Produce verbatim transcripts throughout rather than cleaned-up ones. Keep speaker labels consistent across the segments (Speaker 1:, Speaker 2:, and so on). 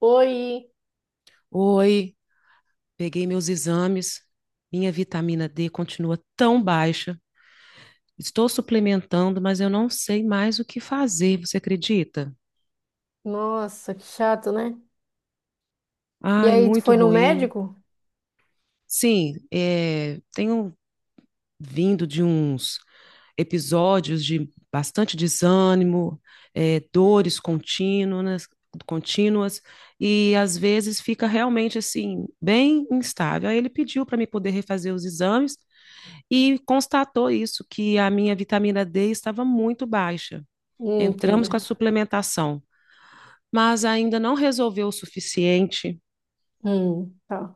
Speaker 1: Oi,
Speaker 2: Oi, peguei meus exames. Minha vitamina D continua tão baixa. Estou suplementando, mas eu não sei mais o que fazer, você acredita?
Speaker 1: nossa, que chato, né? E
Speaker 2: Ai,
Speaker 1: aí, tu
Speaker 2: muito
Speaker 1: foi no
Speaker 2: ruim.
Speaker 1: médico?
Speaker 2: Sim, é, tenho vindo de uns episódios de bastante desânimo, é, dores contínuas, contínuas, e às vezes fica realmente assim, bem instável. Aí ele pediu para me poder refazer os exames e constatou isso, que a minha vitamina D estava muito baixa.
Speaker 1: Hum,
Speaker 2: Entramos
Speaker 1: entendi.
Speaker 2: com a suplementação, mas ainda não resolveu o suficiente.
Speaker 1: Hum, tá.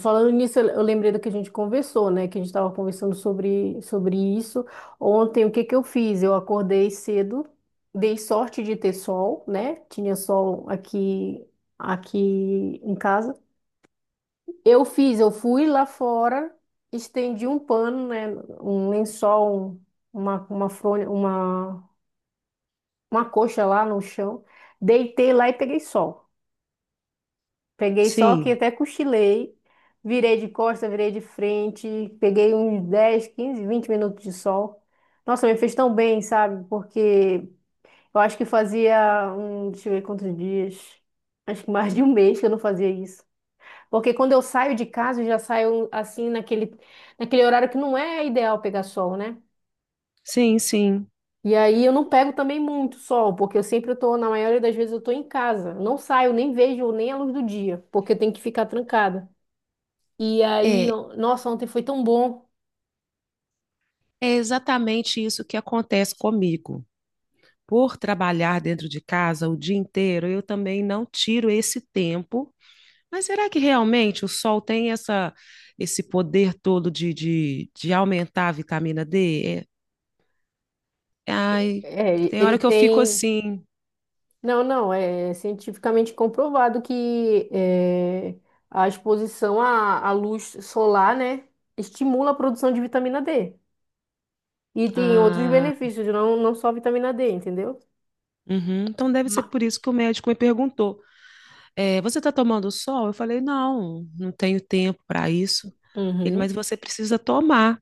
Speaker 1: Falando nisso, eu eu lembrei do que a gente conversou, né? Que a gente estava conversando sobre, sobre isso. Ontem, o que que eu fiz? Eu acordei cedo, dei sorte de ter sol, né? Tinha sol aqui, aqui em casa. Eu fiz, eu fui lá fora, estendi um pano, né? Um lençol, um- uma, uma fronha, uma uma coxa lá no chão, deitei lá e peguei sol. Peguei sol que
Speaker 2: Sim,
Speaker 1: até cochilei, virei de costa, virei de frente, peguei uns dez quinze vinte minutos de sol. Nossa, me fez tão bem, sabe? Porque eu acho que fazia um, deixa eu ver quantos dias, acho que mais de um mês que eu não fazia isso. Porque quando eu saio de casa, eu já saio assim naquele, naquele horário que não é ideal pegar sol, né?
Speaker 2: sim, sim.
Speaker 1: E aí eu não pego também muito sol, porque eu sempre tô, na maioria das vezes eu tô em casa. Não saio, nem vejo nem a luz do dia, porque eu tenho que ficar trancada. E aí,
Speaker 2: É,
Speaker 1: eu- nossa, ontem foi tão bom.
Speaker 2: é exatamente isso que acontece comigo. Por trabalhar dentro de casa o dia inteiro, eu também não tiro esse tempo. Mas será que realmente o sol tem essa, esse poder todo de, de, de aumentar a vitamina D? É, ai,
Speaker 1: É,
Speaker 2: tem
Speaker 1: ele
Speaker 2: hora que eu fico
Speaker 1: tem.
Speaker 2: assim.
Speaker 1: Não, não, é cientificamente comprovado que é, a exposição à, à luz solar, né, estimula a produção de vitamina D. E tem outros
Speaker 2: Ah,
Speaker 1: benefícios, não, não só a vitamina D, entendeu?
Speaker 2: uhum. Então deve ser
Speaker 1: Ma-
Speaker 2: por isso que o médico me perguntou: eh, você está tomando sol? Eu falei: não, não tenho tempo para isso. Ele, mas
Speaker 1: Uhum.
Speaker 2: você precisa tomar,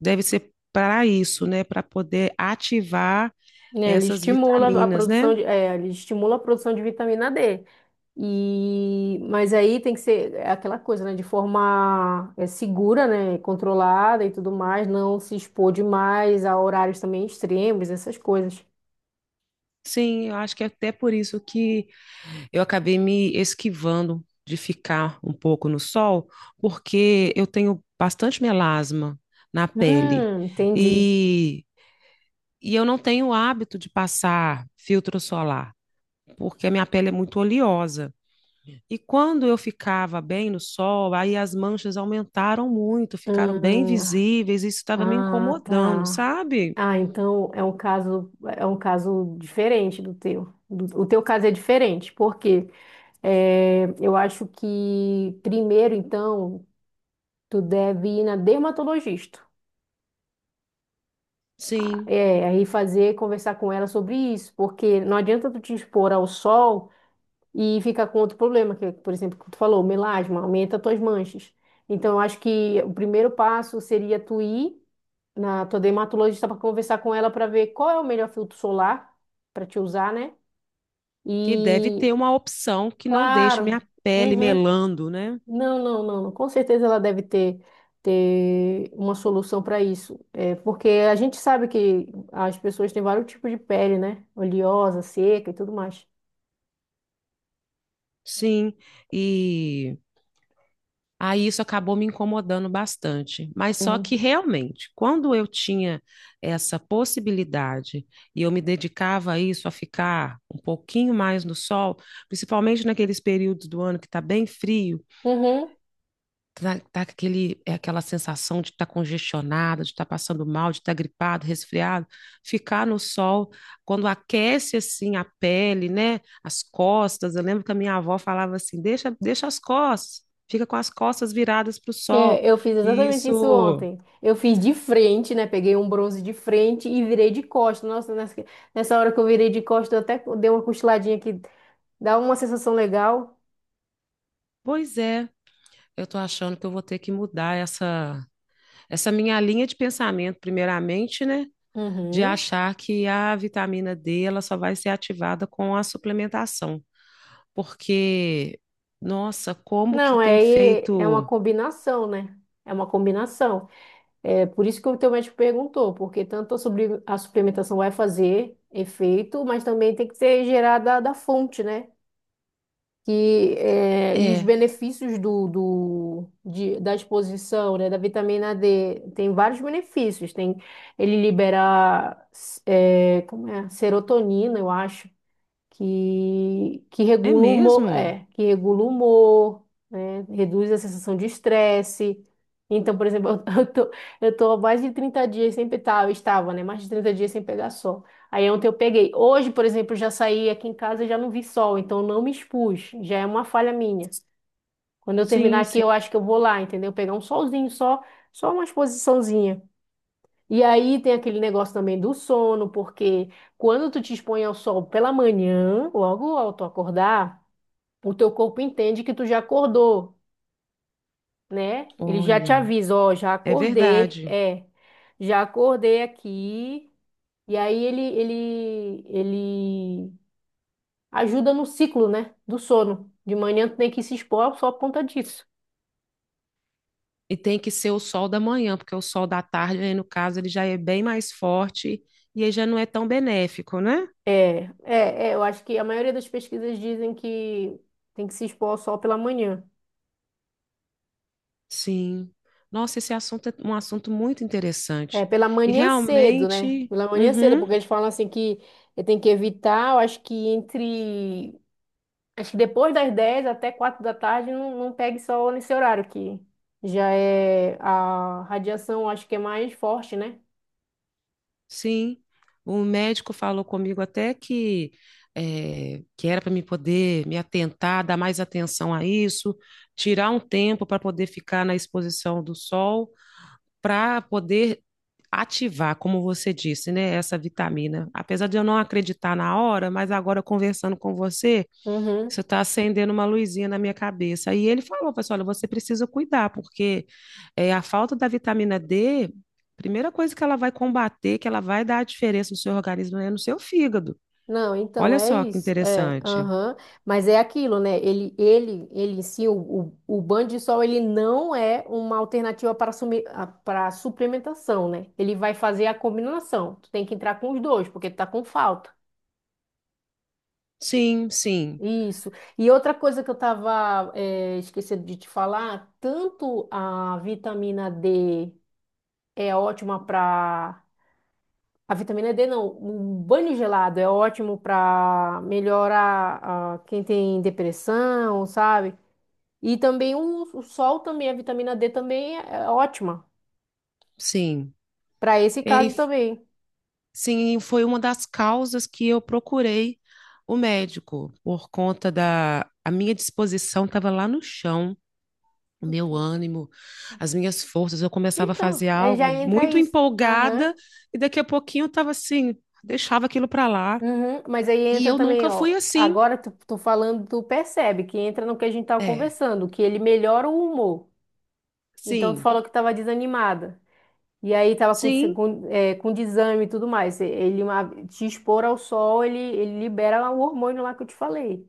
Speaker 2: deve ser para isso, né? Para poder ativar
Speaker 1: Né? Ele
Speaker 2: essas
Speaker 1: estimula a
Speaker 2: vitaminas,
Speaker 1: produção
Speaker 2: né?
Speaker 1: de, é, ele estimula a produção de vitamina D. E, mas aí tem que ser é aquela coisa, né? De forma é, segura, né? Controlada e tudo mais, não se expor demais a horários também extremos, essas coisas.
Speaker 2: Sim, eu acho que é até por isso que eu acabei me esquivando de ficar um pouco no sol, porque eu tenho bastante melasma na pele
Speaker 1: Hum, entendi.
Speaker 2: e, e eu não tenho o hábito de passar filtro solar, porque a minha pele é muito oleosa. E quando eu ficava bem no sol, aí as manchas aumentaram muito, ficaram bem
Speaker 1: Hum,
Speaker 2: visíveis, isso estava me
Speaker 1: ah,
Speaker 2: incomodando,
Speaker 1: tá.
Speaker 2: sabe?
Speaker 1: Ah, então é um caso, é um caso diferente do teu. Do- O teu caso é diferente, porque eu acho que primeiro, então. Tu deve ir na dermatologista.
Speaker 2: Sim,
Speaker 1: É, aí fazer, conversar com ela sobre isso, porque não adianta tu te expor ao sol e ficar com outro problema, que, é, por exemplo, que tu falou, melasma, aumenta tuas manchas. Então, eu acho que o primeiro passo seria tu ir na tua dermatologista para conversar com ela para ver qual é o melhor filtro solar para te usar, né?
Speaker 2: que deve
Speaker 1: E,
Speaker 2: ter uma opção que não deixe
Speaker 1: claro,
Speaker 2: minha pele
Speaker 1: uhum.
Speaker 2: melando, né?
Speaker 1: Não, não, não, não. Com certeza ela deve ter, ter uma solução para isso. É, porque a gente sabe que as pessoas têm vários tipos de pele, né? Oleosa, seca e tudo mais.
Speaker 2: Sim, e aí isso acabou me incomodando bastante. Mas só que
Speaker 1: Uhum.
Speaker 2: realmente, quando eu tinha essa possibilidade e eu me dedicava a isso, a ficar um pouquinho mais no sol, principalmente naqueles períodos do ano que está bem frio,
Speaker 1: Uhum.
Speaker 2: tá, tá aquele, é aquela sensação de estar tá congestionada, de estar tá passando mal, de estar tá gripado, resfriado, ficar no sol, quando aquece assim a pele, né, as costas, eu lembro que a minha avó falava assim, deixa, deixa as costas, fica com as costas viradas para o sol,
Speaker 1: É, eu fiz
Speaker 2: que
Speaker 1: exatamente isso
Speaker 2: isso,
Speaker 1: ontem. Eu fiz de frente, né? Peguei um bronze de frente e virei de costas. Nossa, nessa, nessa hora que eu virei de costas, eu até dei uma cochiladinha que dá uma sensação legal.
Speaker 2: pois é, eu estou achando que eu vou ter que mudar essa, essa minha linha de pensamento, primeiramente, né, de
Speaker 1: Uhum.
Speaker 2: achar que a vitamina D ela só vai ser ativada com a suplementação. Porque, nossa, como que
Speaker 1: Não,
Speaker 2: tem
Speaker 1: é, é uma
Speaker 2: feito.
Speaker 1: combinação, né? É uma combinação. É por isso que o teu médico perguntou, porque tanto a, supli- a suplementação vai fazer efeito, mas também tem que ser gerada da fonte, né? Que, é, e os
Speaker 2: É,
Speaker 1: benefícios do, do, de- da exposição, né, da vitamina D, tem vários benefícios. Tem, ele libera, é, como é? Serotonina, eu acho que, que
Speaker 2: é
Speaker 1: regula o humor,
Speaker 2: mesmo?
Speaker 1: é, que regula o humor, né? Reduz a sensação de estresse. Então, por exemplo, eu tô, eu tô há mais de trinta dias sem pegar, eu estava, né? Mais de trinta dias sem pegar sol. Aí ontem eu peguei. Hoje, por exemplo, eu já saí aqui em casa e já não vi sol, então eu não me expus. Já é uma falha minha. Quando eu terminar
Speaker 2: Sim,
Speaker 1: aqui,
Speaker 2: sim.
Speaker 1: eu acho que eu vou lá, entendeu? Pegar um solzinho só, só uma exposiçãozinha. E aí tem aquele negócio também do sono, porque quando tu te expõe ao sol pela manhã, logo ao tu acordar, o teu corpo entende que tu já acordou, né? Ele já te
Speaker 2: Olha,
Speaker 1: avisa, ó, já
Speaker 2: é
Speaker 1: acordei,
Speaker 2: verdade.
Speaker 1: é, já acordei aqui. E aí ele, ele, ele ajuda no ciclo, né, do sono. De manhã tu tem que se expor só por conta disso.
Speaker 2: E tem que ser o sol da manhã, porque o sol da tarde, aí no caso, ele já é bem mais forte e aí já não é tão benéfico, né?
Speaker 1: É, é, é, eu acho que a maioria das pesquisas dizem que tem que se expor ao sol pela manhã.
Speaker 2: Sim. Nossa, esse assunto é um assunto muito
Speaker 1: É,
Speaker 2: interessante.
Speaker 1: pela
Speaker 2: E
Speaker 1: manhã cedo, né?
Speaker 2: realmente,
Speaker 1: Pela manhã cedo,
Speaker 2: uhum.
Speaker 1: porque eles falam assim que tem que evitar, eu acho que entre. Acho que depois das dez até quatro da tarde não, não pegue sol nesse horário, que já é a radiação, acho que é mais forte, né?
Speaker 2: Sim, o médico falou comigo até que eh, que era para me poder me atentar, dar mais atenção a isso, tirar um tempo para poder ficar na exposição do sol, para poder ativar, como você disse, né, essa vitamina. Apesar de eu não acreditar na hora, mas agora conversando com você,
Speaker 1: Uhum.
Speaker 2: isso está acendendo uma luzinha na minha cabeça. Aí ele falou, pessoal, olha, você precisa cuidar, porque é, a falta da vitamina D, primeira coisa que ela vai combater, que ela vai dar a diferença no seu organismo, é no seu fígado.
Speaker 1: Não, então
Speaker 2: Olha
Speaker 1: é
Speaker 2: só que
Speaker 1: isso, é,
Speaker 2: interessante.
Speaker 1: aham. Mas é aquilo, né? Ele, ele, ele sim. o, o, o banho de sol, ele não é uma alternativa para sumi- a- para suplementação, né? Ele vai fazer a combinação. Tu tem que entrar com os dois, porque tu tá com falta.
Speaker 2: Sim, sim,
Speaker 1: Isso. E outra coisa que eu tava, eh, esquecendo de te falar, tanto a vitamina D é ótima para A vitamina D não, um banho gelado é ótimo para melhorar ah, quem tem depressão, sabe? E também o, o sol também, a vitamina D também é é ótima
Speaker 2: sim.
Speaker 1: para esse
Speaker 2: Ei,
Speaker 1: caso também.
Speaker 2: sim, foi uma das causas que eu procurei o médico, por conta da a minha disposição estava lá no chão, o meu ânimo, as minhas forças. Eu começava a
Speaker 1: Então,
Speaker 2: fazer
Speaker 1: aí já
Speaker 2: algo
Speaker 1: entra
Speaker 2: muito
Speaker 1: isso. Aham.
Speaker 2: empolgada e daqui a pouquinho eu estava assim, deixava aquilo para lá.
Speaker 1: Uhum. Mas aí
Speaker 2: E
Speaker 1: entra
Speaker 2: eu
Speaker 1: também,
Speaker 2: nunca fui
Speaker 1: ó.
Speaker 2: assim.
Speaker 1: Agora tu, tu falando, tu percebe que entra no que a gente tava
Speaker 2: É,
Speaker 1: conversando, que ele melhora o humor. Então tu
Speaker 2: sim,
Speaker 1: falou que tava desanimada. E aí tava com,
Speaker 2: sim,
Speaker 1: segun- eh, com desânimo e tudo mais. E- Ele uma- te expor ao sol, ele, ele libera lá o hormônio lá que eu te falei.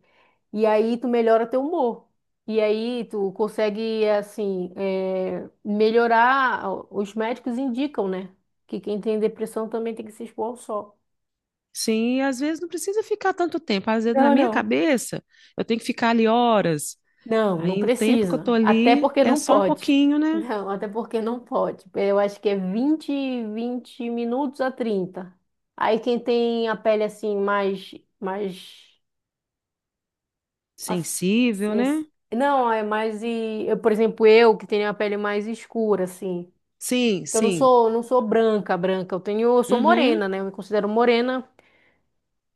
Speaker 1: E aí tu melhora teu humor. E aí tu consegue, assim, eh, melhorar. Os médicos indicam, né? Que quem tem depressão também tem que se expor ao sol.
Speaker 2: sim. E às vezes não precisa ficar tanto tempo. Às vezes na
Speaker 1: Não,
Speaker 2: minha
Speaker 1: não.
Speaker 2: cabeça eu tenho que ficar ali horas.
Speaker 1: Não, não
Speaker 2: Aí o tempo que eu tô
Speaker 1: precisa. Até
Speaker 2: ali
Speaker 1: porque
Speaker 2: é
Speaker 1: não
Speaker 2: só um
Speaker 1: pode.
Speaker 2: pouquinho, né?
Speaker 1: Não, até porque não pode. Eu acho que é vinte, vinte minutos a trinta. Aí quem tem a pele assim mais mais assim,
Speaker 2: Sensível, né?
Speaker 1: sens- não, é mais e eu, por exemplo, eu que tenho a pele mais escura assim.
Speaker 2: Sim,
Speaker 1: Então, eu não
Speaker 2: sim.
Speaker 1: sou não sou branca, branca. Eu tenho, eu sou morena,
Speaker 2: Uhum.
Speaker 1: né? Eu me considero morena.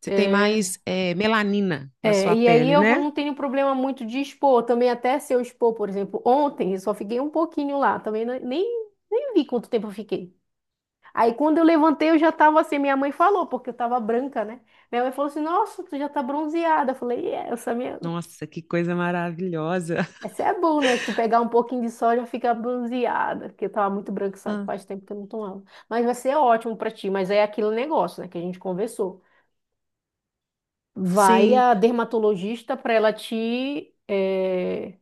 Speaker 2: Você tem
Speaker 1: É,
Speaker 2: mais eh, melanina na
Speaker 1: é,
Speaker 2: sua
Speaker 1: e aí
Speaker 2: pele,
Speaker 1: eu vou-
Speaker 2: né?
Speaker 1: não tenho problema muito de expor, também até se eu expor, por exemplo, ontem eu só fiquei um pouquinho lá, também não- nem, nem vi quanto tempo eu fiquei. Aí quando eu levantei eu já tava assim, minha mãe falou, porque eu tava branca, né? Minha mãe falou assim, nossa, tu já tá bronzeada. Eu falei, é, essa minha...
Speaker 2: Nossa, que coisa maravilhosa.
Speaker 1: Esse é bom, né? Que tu pegar um pouquinho de sol já fica bronzeada, porque eu tava muito branca, sabe?
Speaker 2: Ah,
Speaker 1: Faz tempo que eu não tomava. Mas vai ser ótimo pra ti, mas é aquele negócio, né, que a gente conversou. Vai
Speaker 2: sim,
Speaker 1: a dermatologista pra ela te... eh,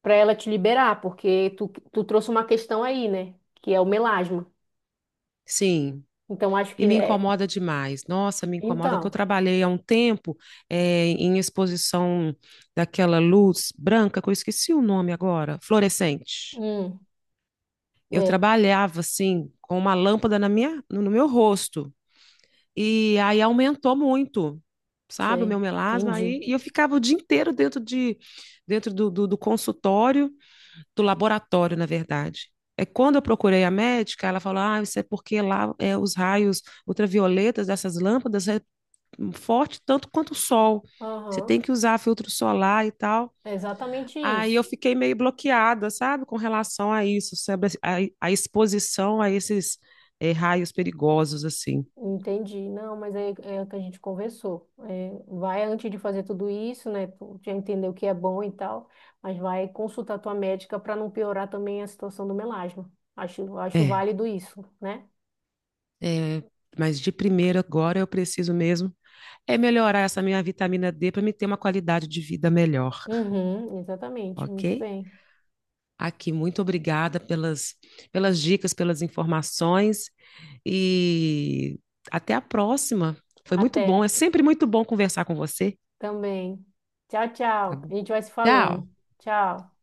Speaker 1: para ela te liberar, porque tu, tu trouxe uma questão aí, né? Que é o melasma.
Speaker 2: sim.
Speaker 1: Então, acho
Speaker 2: E
Speaker 1: que
Speaker 2: me
Speaker 1: é.
Speaker 2: incomoda demais. Nossa, me incomoda que eu
Speaker 1: Então,
Speaker 2: trabalhei há um tempo eh, em exposição daquela luz branca, que eu esqueci o nome agora, fluorescente.
Speaker 1: hum,
Speaker 2: Eu
Speaker 1: é,
Speaker 2: trabalhava assim com uma lâmpada na minha, no no meu rosto. E aí aumentou muito, sabe, o meu
Speaker 1: sei,
Speaker 2: melasma.
Speaker 1: entendi.
Speaker 2: Aí, e eu ficava o dia inteiro dentro de, dentro do, do, do consultório, do laboratório, na verdade. É quando eu procurei a médica, ela falou: Ah, isso é porque lá é, os raios ultravioletas dessas lâmpadas é forte tanto quanto o sol. Você
Speaker 1: Aham,
Speaker 2: tem que usar filtro solar e tal.
Speaker 1: é exatamente
Speaker 2: Aí eu
Speaker 1: isso.
Speaker 2: fiquei meio bloqueada, sabe, com relação a isso, sobre a, a exposição a esses eh, raios perigosos, assim.
Speaker 1: Entendi. Não, mas é, é o que a gente conversou. É, vai antes de fazer tudo isso, né? Tu já entendeu o que é bom e tal, mas vai consultar tua médica para não piorar também a situação do melasma. Acho, acho
Speaker 2: É.
Speaker 1: válido isso, né?
Speaker 2: É, mas de primeiro agora eu preciso mesmo é melhorar essa minha vitamina D para me ter uma qualidade de vida melhor,
Speaker 1: Uhum, exatamente.
Speaker 2: ok?
Speaker 1: Muito bem.
Speaker 2: Aqui, muito obrigada pelas, pelas dicas, pelas informações e até a próxima. Foi muito bom,
Speaker 1: Até.
Speaker 2: é sempre muito bom conversar com você.
Speaker 1: Também. Tchau,
Speaker 2: Tá
Speaker 1: tchau.
Speaker 2: bom.
Speaker 1: A gente vai se falando.
Speaker 2: Tchau.
Speaker 1: Tchau.